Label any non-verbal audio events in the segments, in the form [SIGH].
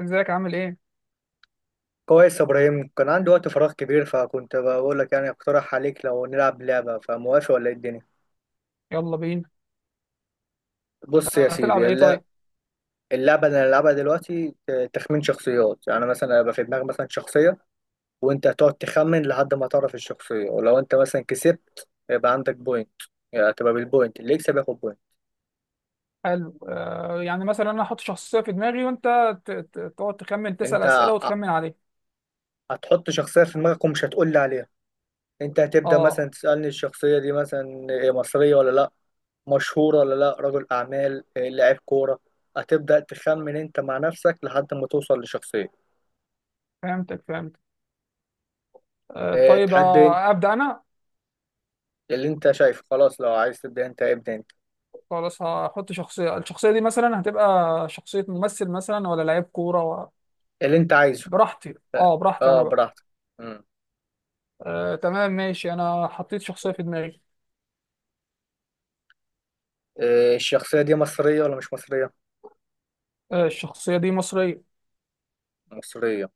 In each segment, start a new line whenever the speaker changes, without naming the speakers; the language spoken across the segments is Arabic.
ازيك عامل ايه؟
كويس يا ابراهيم، كان عندي وقت فراغ كبير، فكنت بقول لك يعني اقترح عليك لو نلعب لعبه، فموافق ولا ايه الدنيا؟
يلا بينا.
بص يا
آه، هتلعب
سيدي،
ايه طيب؟
اللعبه اللي هنلعبها دلوقتي تخمين شخصيات. يعني مثلا هيبقى في دماغك مثلا شخصيه، وانت هتقعد تخمن لحد ما تعرف الشخصيه، ولو انت مثلا كسبت يبقى عندك بوينت. يعني هتبقى بالبوينت، اللي يكسب ياخد بوينت.
حلو، آه، يعني مثلا انا احط شخصيه في دماغي وانت تقعد تخمن، تسال
انت
اسئله
ع-
وتخمن عليه.
هتحط شخصيه في دماغك ومش هتقول لي عليها. انت هتبدا
اه،
مثلا تسالني الشخصيه دي مثلا مصريه ولا لا، مشهور ولا لا، رجل أعمال، لاعب كورة. هتبدأ تخمن أنت مع نفسك لحد ما توصل لشخصية.
فهمتك فهمت. آه طيب،
تحب أنت
ابدا انا.
اللي أنت شايفه، خلاص لو عايز تبدأ أنت ابدأ أنت
خلاص، هحط شخصيه. الشخصيه دي مثلا هتبقى شخصيه ممثل مثلا ولا لعيب كوره
اللي أنت عايزه.
براحتي، اه براحتي
أه،
انا بقى.
براحتك. مم.
آه تمام ماشي، انا حطيت شخصيه في دماغي.
آه، الشخصية دي مصرية ولا مش مصرية؟
آه، الشخصيه دي مصريه.
مصرية.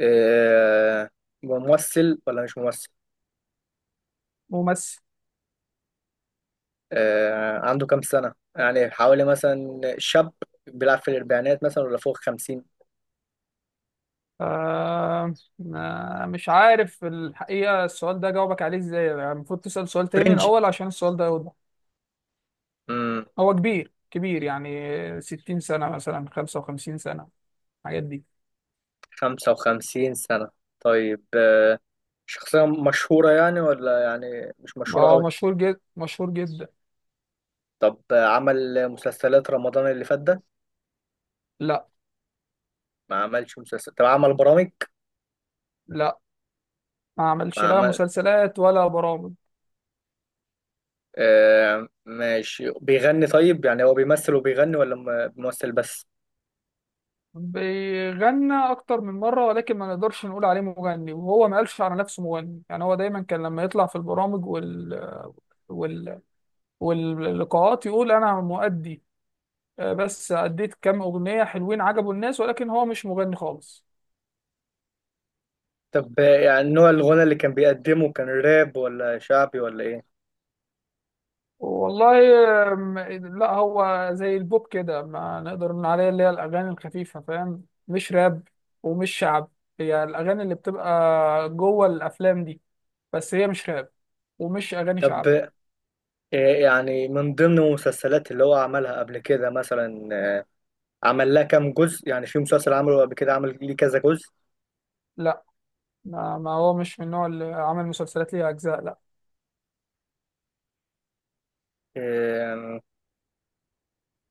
آه، ممثل ولا مش ممثل؟
ممثل.
آه، عنده كام سنة؟ يعني حوالي مثلا شاب، بيلعب في الأربعينات مثلا ولا فوق خمسين؟
آه، مش عارف الحقيقة، السؤال ده جاوبك عليه ازاي؟ يعني المفروض تسأل سؤال تاني
فرنج.
الأول عشان السؤال ده يوضح.
امم
هو كبير كبير، يعني 60 سنة مثلا، 55 سنة، الحاجات دي.
خمسة وخمسين سنة، طيب. شخصية مشهورة يعني ولا يعني مش مشهورة
هو
قوي؟
مشهور جدا، مشهور جدا.
طب عمل مسلسلات رمضان اللي فات ده؟
لا.
ما عملش مسلسل؟ طب عمل برامج؟
لا، ما عملش
ما
لا
عمل.
مسلسلات ولا برامج.
آه ماشي، بيغني طيب؟ يعني هو بيمثل وبيغني ولا بيمثل بس؟
بيغنى أكتر من مرة ولكن ما نقدرش نقول عليه مغني، وهو ما قالش على نفسه مغني. يعني هو دايما كان لما يطلع في البرامج وال واللقاءات يقول أنا مؤدي. آه، بس أديت كام أغنية حلوين عجبوا الناس، ولكن هو مش مغني خالص.
طب يعني نوع الغنى اللي كان بيقدمه كان راب ولا شعبي ولا ايه؟
والله، آم، لا، هو زي البوب كده، ما نقدر نقول عليه، اللي هي الأغاني الخفيفة، فاهم؟ مش راب ومش شعب. هي الأغاني اللي بتبقى جوه الأفلام دي. بس هي مش راب ومش أغاني
طب
شعب.
آه، يعني من ضمن المسلسلات اللي هو عملها قبل كده مثلا، عمل لها كام جزء؟ يعني في مسلسل عمله قبل كده عمل ليه كذا جزء؟
لا، ما هو مش من النوع اللي عمل مسلسلات ليها أجزاء، لا.
آه،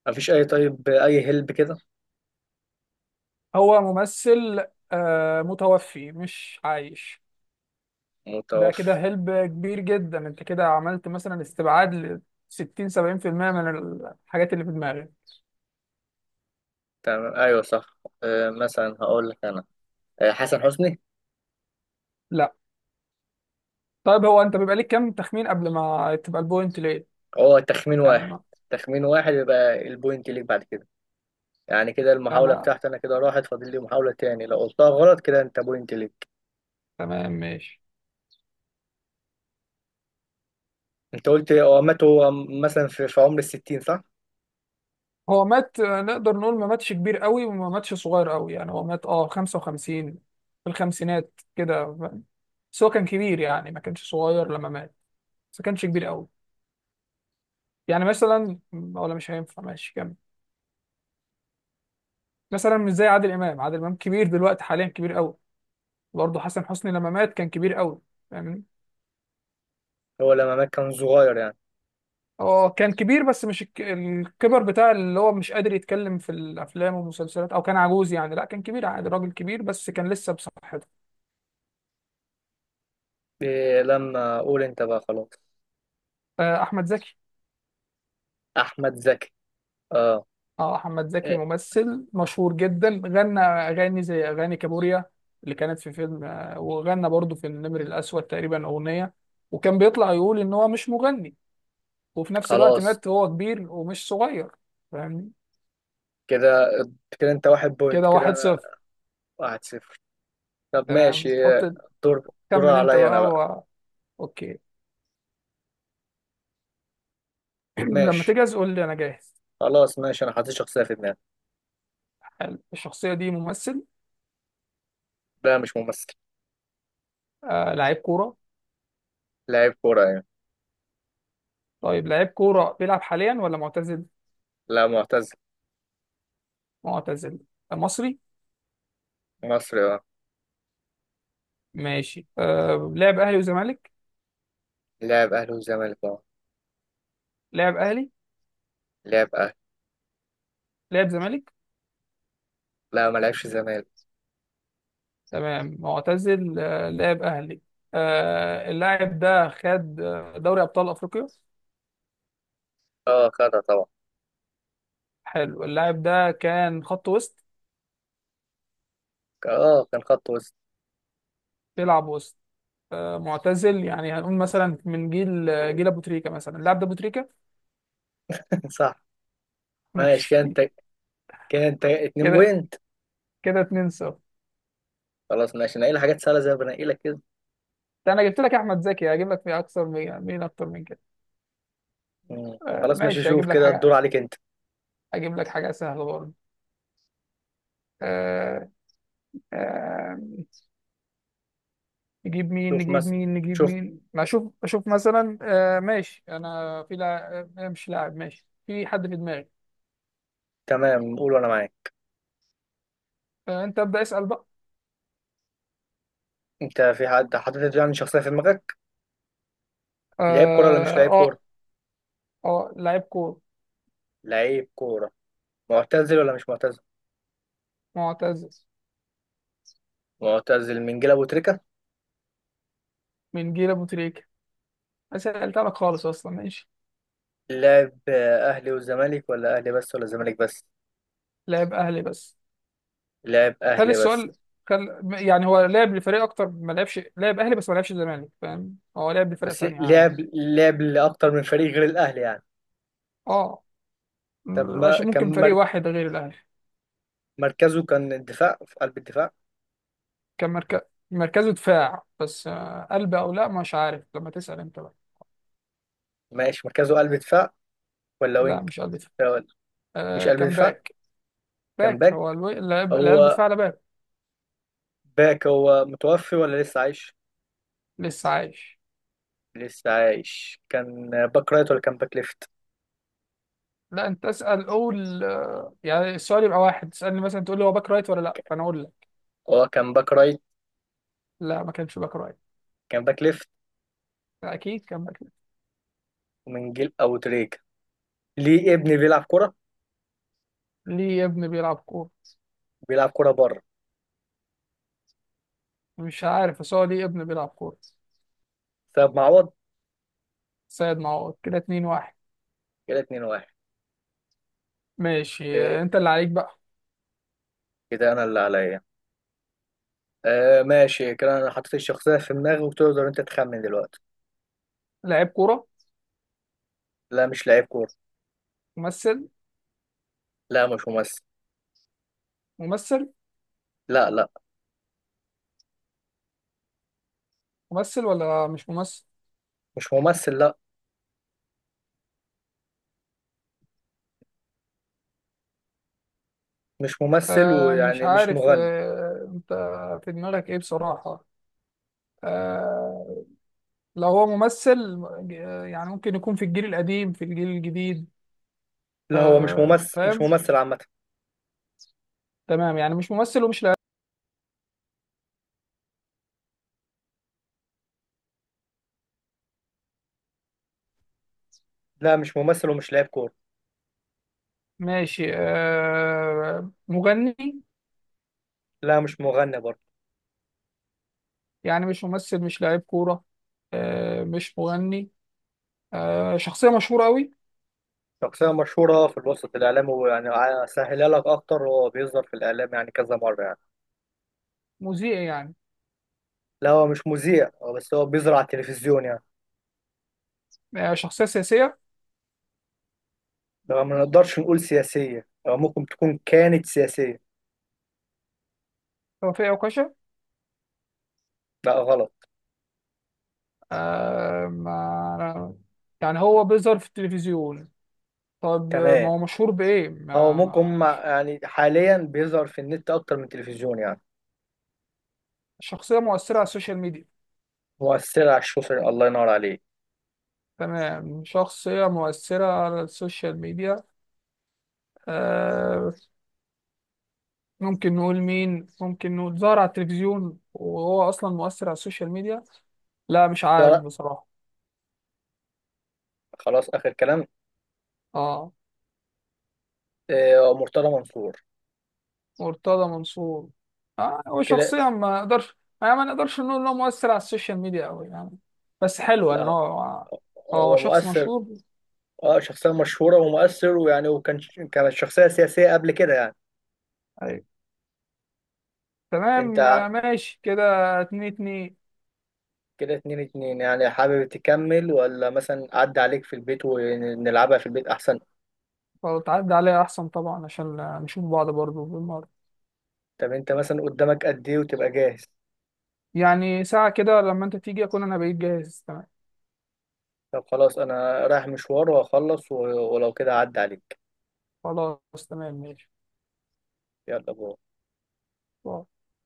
مفيش اي. طيب اي هلب كده.
هو ممثل. آه، متوفي مش عايش. ده كده
متوفي.
هلب كبير جدا، انت كده عملت مثلا استبعاد ل 60 70% من الحاجات اللي في دماغي.
تمام، ايوه صح. آه، مثلا هقول لك انا، آه، حسن حسني.
لا. طيب، هو انت بيبقى ليك كام تخمين قبل ما تبقى البوينت ليه؟
هو تخمين
يعني
واحد.
ما,
تخمين واحد يبقى البوينت ليك بعد كده. يعني كده
يعني
المحاولة
ما
بتاعتي انا كده راحت، فاضل لي محاولة تاني، لو قلتها غلط كده انت بوينت ليك.
تمام ماشي.
انت قلت هو مات، هو مثلا في، عمر الستين صح؟
هو مات، نقدر نقول ما ماتش كبير قوي وما ماتش صغير قوي. يعني هو مات 55، في الخمسينات كده، فاهم؟ بس هو كان كبير، يعني ما كانش صغير لما مات، بس ما كانش كبير قوي. يعني مثلا، ولا مش هينفع؟ ماشي كمل. مثلا مش زي عادل امام. عادل امام كبير دلوقتي حاليا، كبير قوي. برضه حسن حسني لما مات كان كبير قوي، فاهمني؟
هو لما مات كان صغير يعني؟
هو كان كبير بس مش الكبر بتاع اللي هو مش قادر يتكلم في الافلام والمسلسلات، او كان عجوز. يعني لا، كان كبير عادي، راجل كبير بس كان لسه بصحته.
إيه لما اقول انت بقى. خلاص،
آه، احمد زكي.
احمد زكي. اه.
اه، احمد زكي
إيه.
ممثل مشهور جدا، غنى اغاني زي اغاني كابوريا اللي كانت في فيلم، وغنى برضه في النمر الاسود تقريبا اغنيه، وكان بيطلع يقول ان هو مش مغني، وفي نفس الوقت
خلاص
مات وهو كبير ومش صغير، فاهمني؟
كده، كده انت واحد بوينت،
كده
كده
واحد
انا
صفر
واحد صفر. طب
تمام
ماشي.
حط.
آه، دور
كمل انت
عليا انا
بقى
بقى.
اوكي. [CLEARS THROAT] لما
ماشي.
تجهز قول لي، انا جاهز.
خلاص ماشي، انا حاطط شخصيه في دماغي.
حلو، الشخصيه دي ممثل؟
لا مش ممثل.
آه لعيب كوره.
لاعب كوره يعني.
طيب لعيب كوره بيلعب حاليا ولا معتزل؟
لا معتزل.
معتزل. مصري.
مصري اه.
ماشي، آه لعب اهلي وزمالك.
لاعب اهلي وزمالك اه.
لعب اهلي.
لاعب اهلي.
لعب زمالك.
لا ما لعبش زمالك.
تمام معتزل، آه لعب اهلي. آه، اللاعب ده خد، دوري ابطال افريقيا.
اه خدها طبعا.
حلو، اللاعب ده كان خط وسط.
اه كان خط وسط.
بيلعب وسط. آه معتزل، يعني هنقول مثلا من جيل، جيل ابو تريكه مثلا. اللاعب ده ابو تريكه.
[LAUGHS] صح.
[LAUGHS]
ماشي كان
ماشي
انت كان انت اتنين
كده.
بوينت.
كده 2-0.
خلاص ماشي، نقي لي حاجات سهله زي ما بنقي لك كده.
ده انا جبت لك احمد زكي، هجيب لك مين اكتر من مين اكتر من كده؟
مم.
آه
خلاص ماشي،
ماشي،
شوف
هجيب لك
كده الدور
حاجه،
عليك انت.
اجيب لك حاجه سهله برضه. آه. آه. نجيب مين،
شوف
نجيب
مثلا،
مين، نجيب
شوف.
مين، ما اشوف اشوف. مثلا، آه ماشي، انا في لاعب، مش لاعب، ماشي، في حد في دماغي.
تمام، قول وانا معاك.
آه، انت ابدا اسال بقى.
انت في حد حاطط يعني شخصيه في دماغك؟ لعيب كوره ولا مش
اه،
لعيب كوره؟
اه. آه، لعيب كوره.
لعيب كوره. معتزل ولا مش معتزل؟
معتزل
معتزل من جيل ابو تريكه.
من جيل ابو تريكه. سالت لك خالص اصلا، ماشي.
لعب اهلي والزمالك ولا اهلي بس ولا زمالك بس؟
لاعب اهلي بس.
لعب
خلي
اهلي بس.
السؤال. يعني هو لعب لفريق اكتر، ما لعبش، لعب اهلي بس، ما لعبش الزمالك، فاهم؟ هو لعب لفرق
بس
تانية
لعب،
عادي.
لعب لاكتر من فريق غير الاهلي يعني؟
اه،
طب ما
عشان ممكن
كان
فريق
مر...
واحد غير الاهلي.
مركزه كان الدفاع، في قلب الدفاع.
كان مركز، مركزه دفاع بس، آه، قلب او لا، مش عارف، لما تسأل انت بقى.
ماشي مركزه قلب دفاع ولا
لا،
وينج؟
مش قلب دفاع.
لا، ولا- مش
آه
قلب
كان
دفاع،
باك.
كان
باك،
باك.
هو اللي قلب
هو
دفاع على باك.
باك. هو متوفي ولا لسه عايش؟
لسه عايش.
لسه عايش. كان باك رايت ولا كان باك ليفت؟
لا انت اسأل، قول آه، يعني السؤال يبقى واحد، تسألني مثلا تقول لي هو باك رايت ولا لا، فانا اقول لك.
هو كان باك رايت.
لا ما كانش باك رايت.
كان باك ليفت.
لا، اكيد كان باك ليفت.
من جيل او تريكة. ليه ابني بيلعب كرة؟
ليه يا ابني بيلعب كورة؟
بيلعب كرة بره.
مش عارف، بس هو ليه ابن بيلعب كورة.
طب معوض.
سيد معوض، كده 2-1.
كده 2-1.
ماشي، آه، انت اللي عليك بقى.
كده انا اللي عليا. آه ماشي، كده انا حطيت الشخصية في دماغي وتقدر انت تخمن دلوقتي.
لعيب كورة؟
لا مش لعيب كورة.
ممثل؟
لا مش ممثل.
ممثل.
لا لا.
ممثل ولا مش ممثل؟
مش ممثل. لا مش ممثل
آه مش
ويعني مش
عارف،
مغني.
انت في دماغك ايه بصراحة؟ آه لو هو ممثل، آه، يعني ممكن يكون في الجيل القديم، في الجيل الجديد.
لا هو مش
آه
ممثل، مش
فاهم.
ممثل عامة.
تمام، يعني مش ممثل ومش لاعب.
لا مش ممثل ومش لعيب كورة.
ماشي، آه مغني.
لا مش مغني برضه.
يعني مش ممثل، مش لاعب كورة، آه مش مغني. آه، شخصية مشهورة أوي.
شخصية مشهورة في الوسط الإعلامي ويعني، أسهلها لك أكتر، هو بيظهر في الإعلام يعني كذا مرة يعني.
مذيع يعني؟
لا هو مش مذيع، هو بيظهر على التلفزيون يعني.
آه، شخصية سياسية.
لا ما نقدرش نقول سياسية، هو ممكن تكون كانت سياسية.
توفيق عكاشة.
لا غلط.
آه، ما يعني هو بيظهر في التلفزيون. طب آه، ما
تمام،
هو مشهور بإيه؟
او ممكن هم يعني حاليا بيظهر في النت اكتر من التلفزيون يعني.
شخصية مؤثرة على السوشيال ميديا.
مؤثر على الشوشر، الله ينور عليه.
تمام، شخصية مؤثرة على السوشيال ميديا. آه، ممكن نقول مين؟ ممكن نقول ظهر على التلفزيون وهو أصلا مؤثر على السوشيال ميديا. لا مش عارف
ده
بصراحة.
خلاص اخر كلام.
اه.
آه، مرتضى منصور.
مرتضى منصور. آه، هو
كده
شخصيا ما نقدرش، يعني ما نقدرش نقول انه مؤثر على السوشيال ميديا قوي، يعني. بس حلو ان
لا،
هو، هو
هو
شخص
مؤثر.
مشهور.
اه شخصية مشهورة ومؤثر، ويعني وكان، كانت شخصية سياسية قبل كده يعني.
ايوه.
انت.
تمام آه، ماشي كده. 2-2.
كده اتنين اتنين، يعني حابب تكمل ولا مثلا عدى عليك في البيت ونلعبها في البيت احسن؟
طب تعدي عليا احسن طبعا، عشان آه، نشوف بعض برضو بالمرة.
طب انت مثلا قدامك قد ايه وتبقى جاهز؟
يعني ساعة كده، لما انت تيجي اكون انا بقيت جاهز، تمام.
طب خلاص انا رايح مشوار وهخلص، ولو كده عدى عليك.
خلاص تمام ماشي.
يلا بو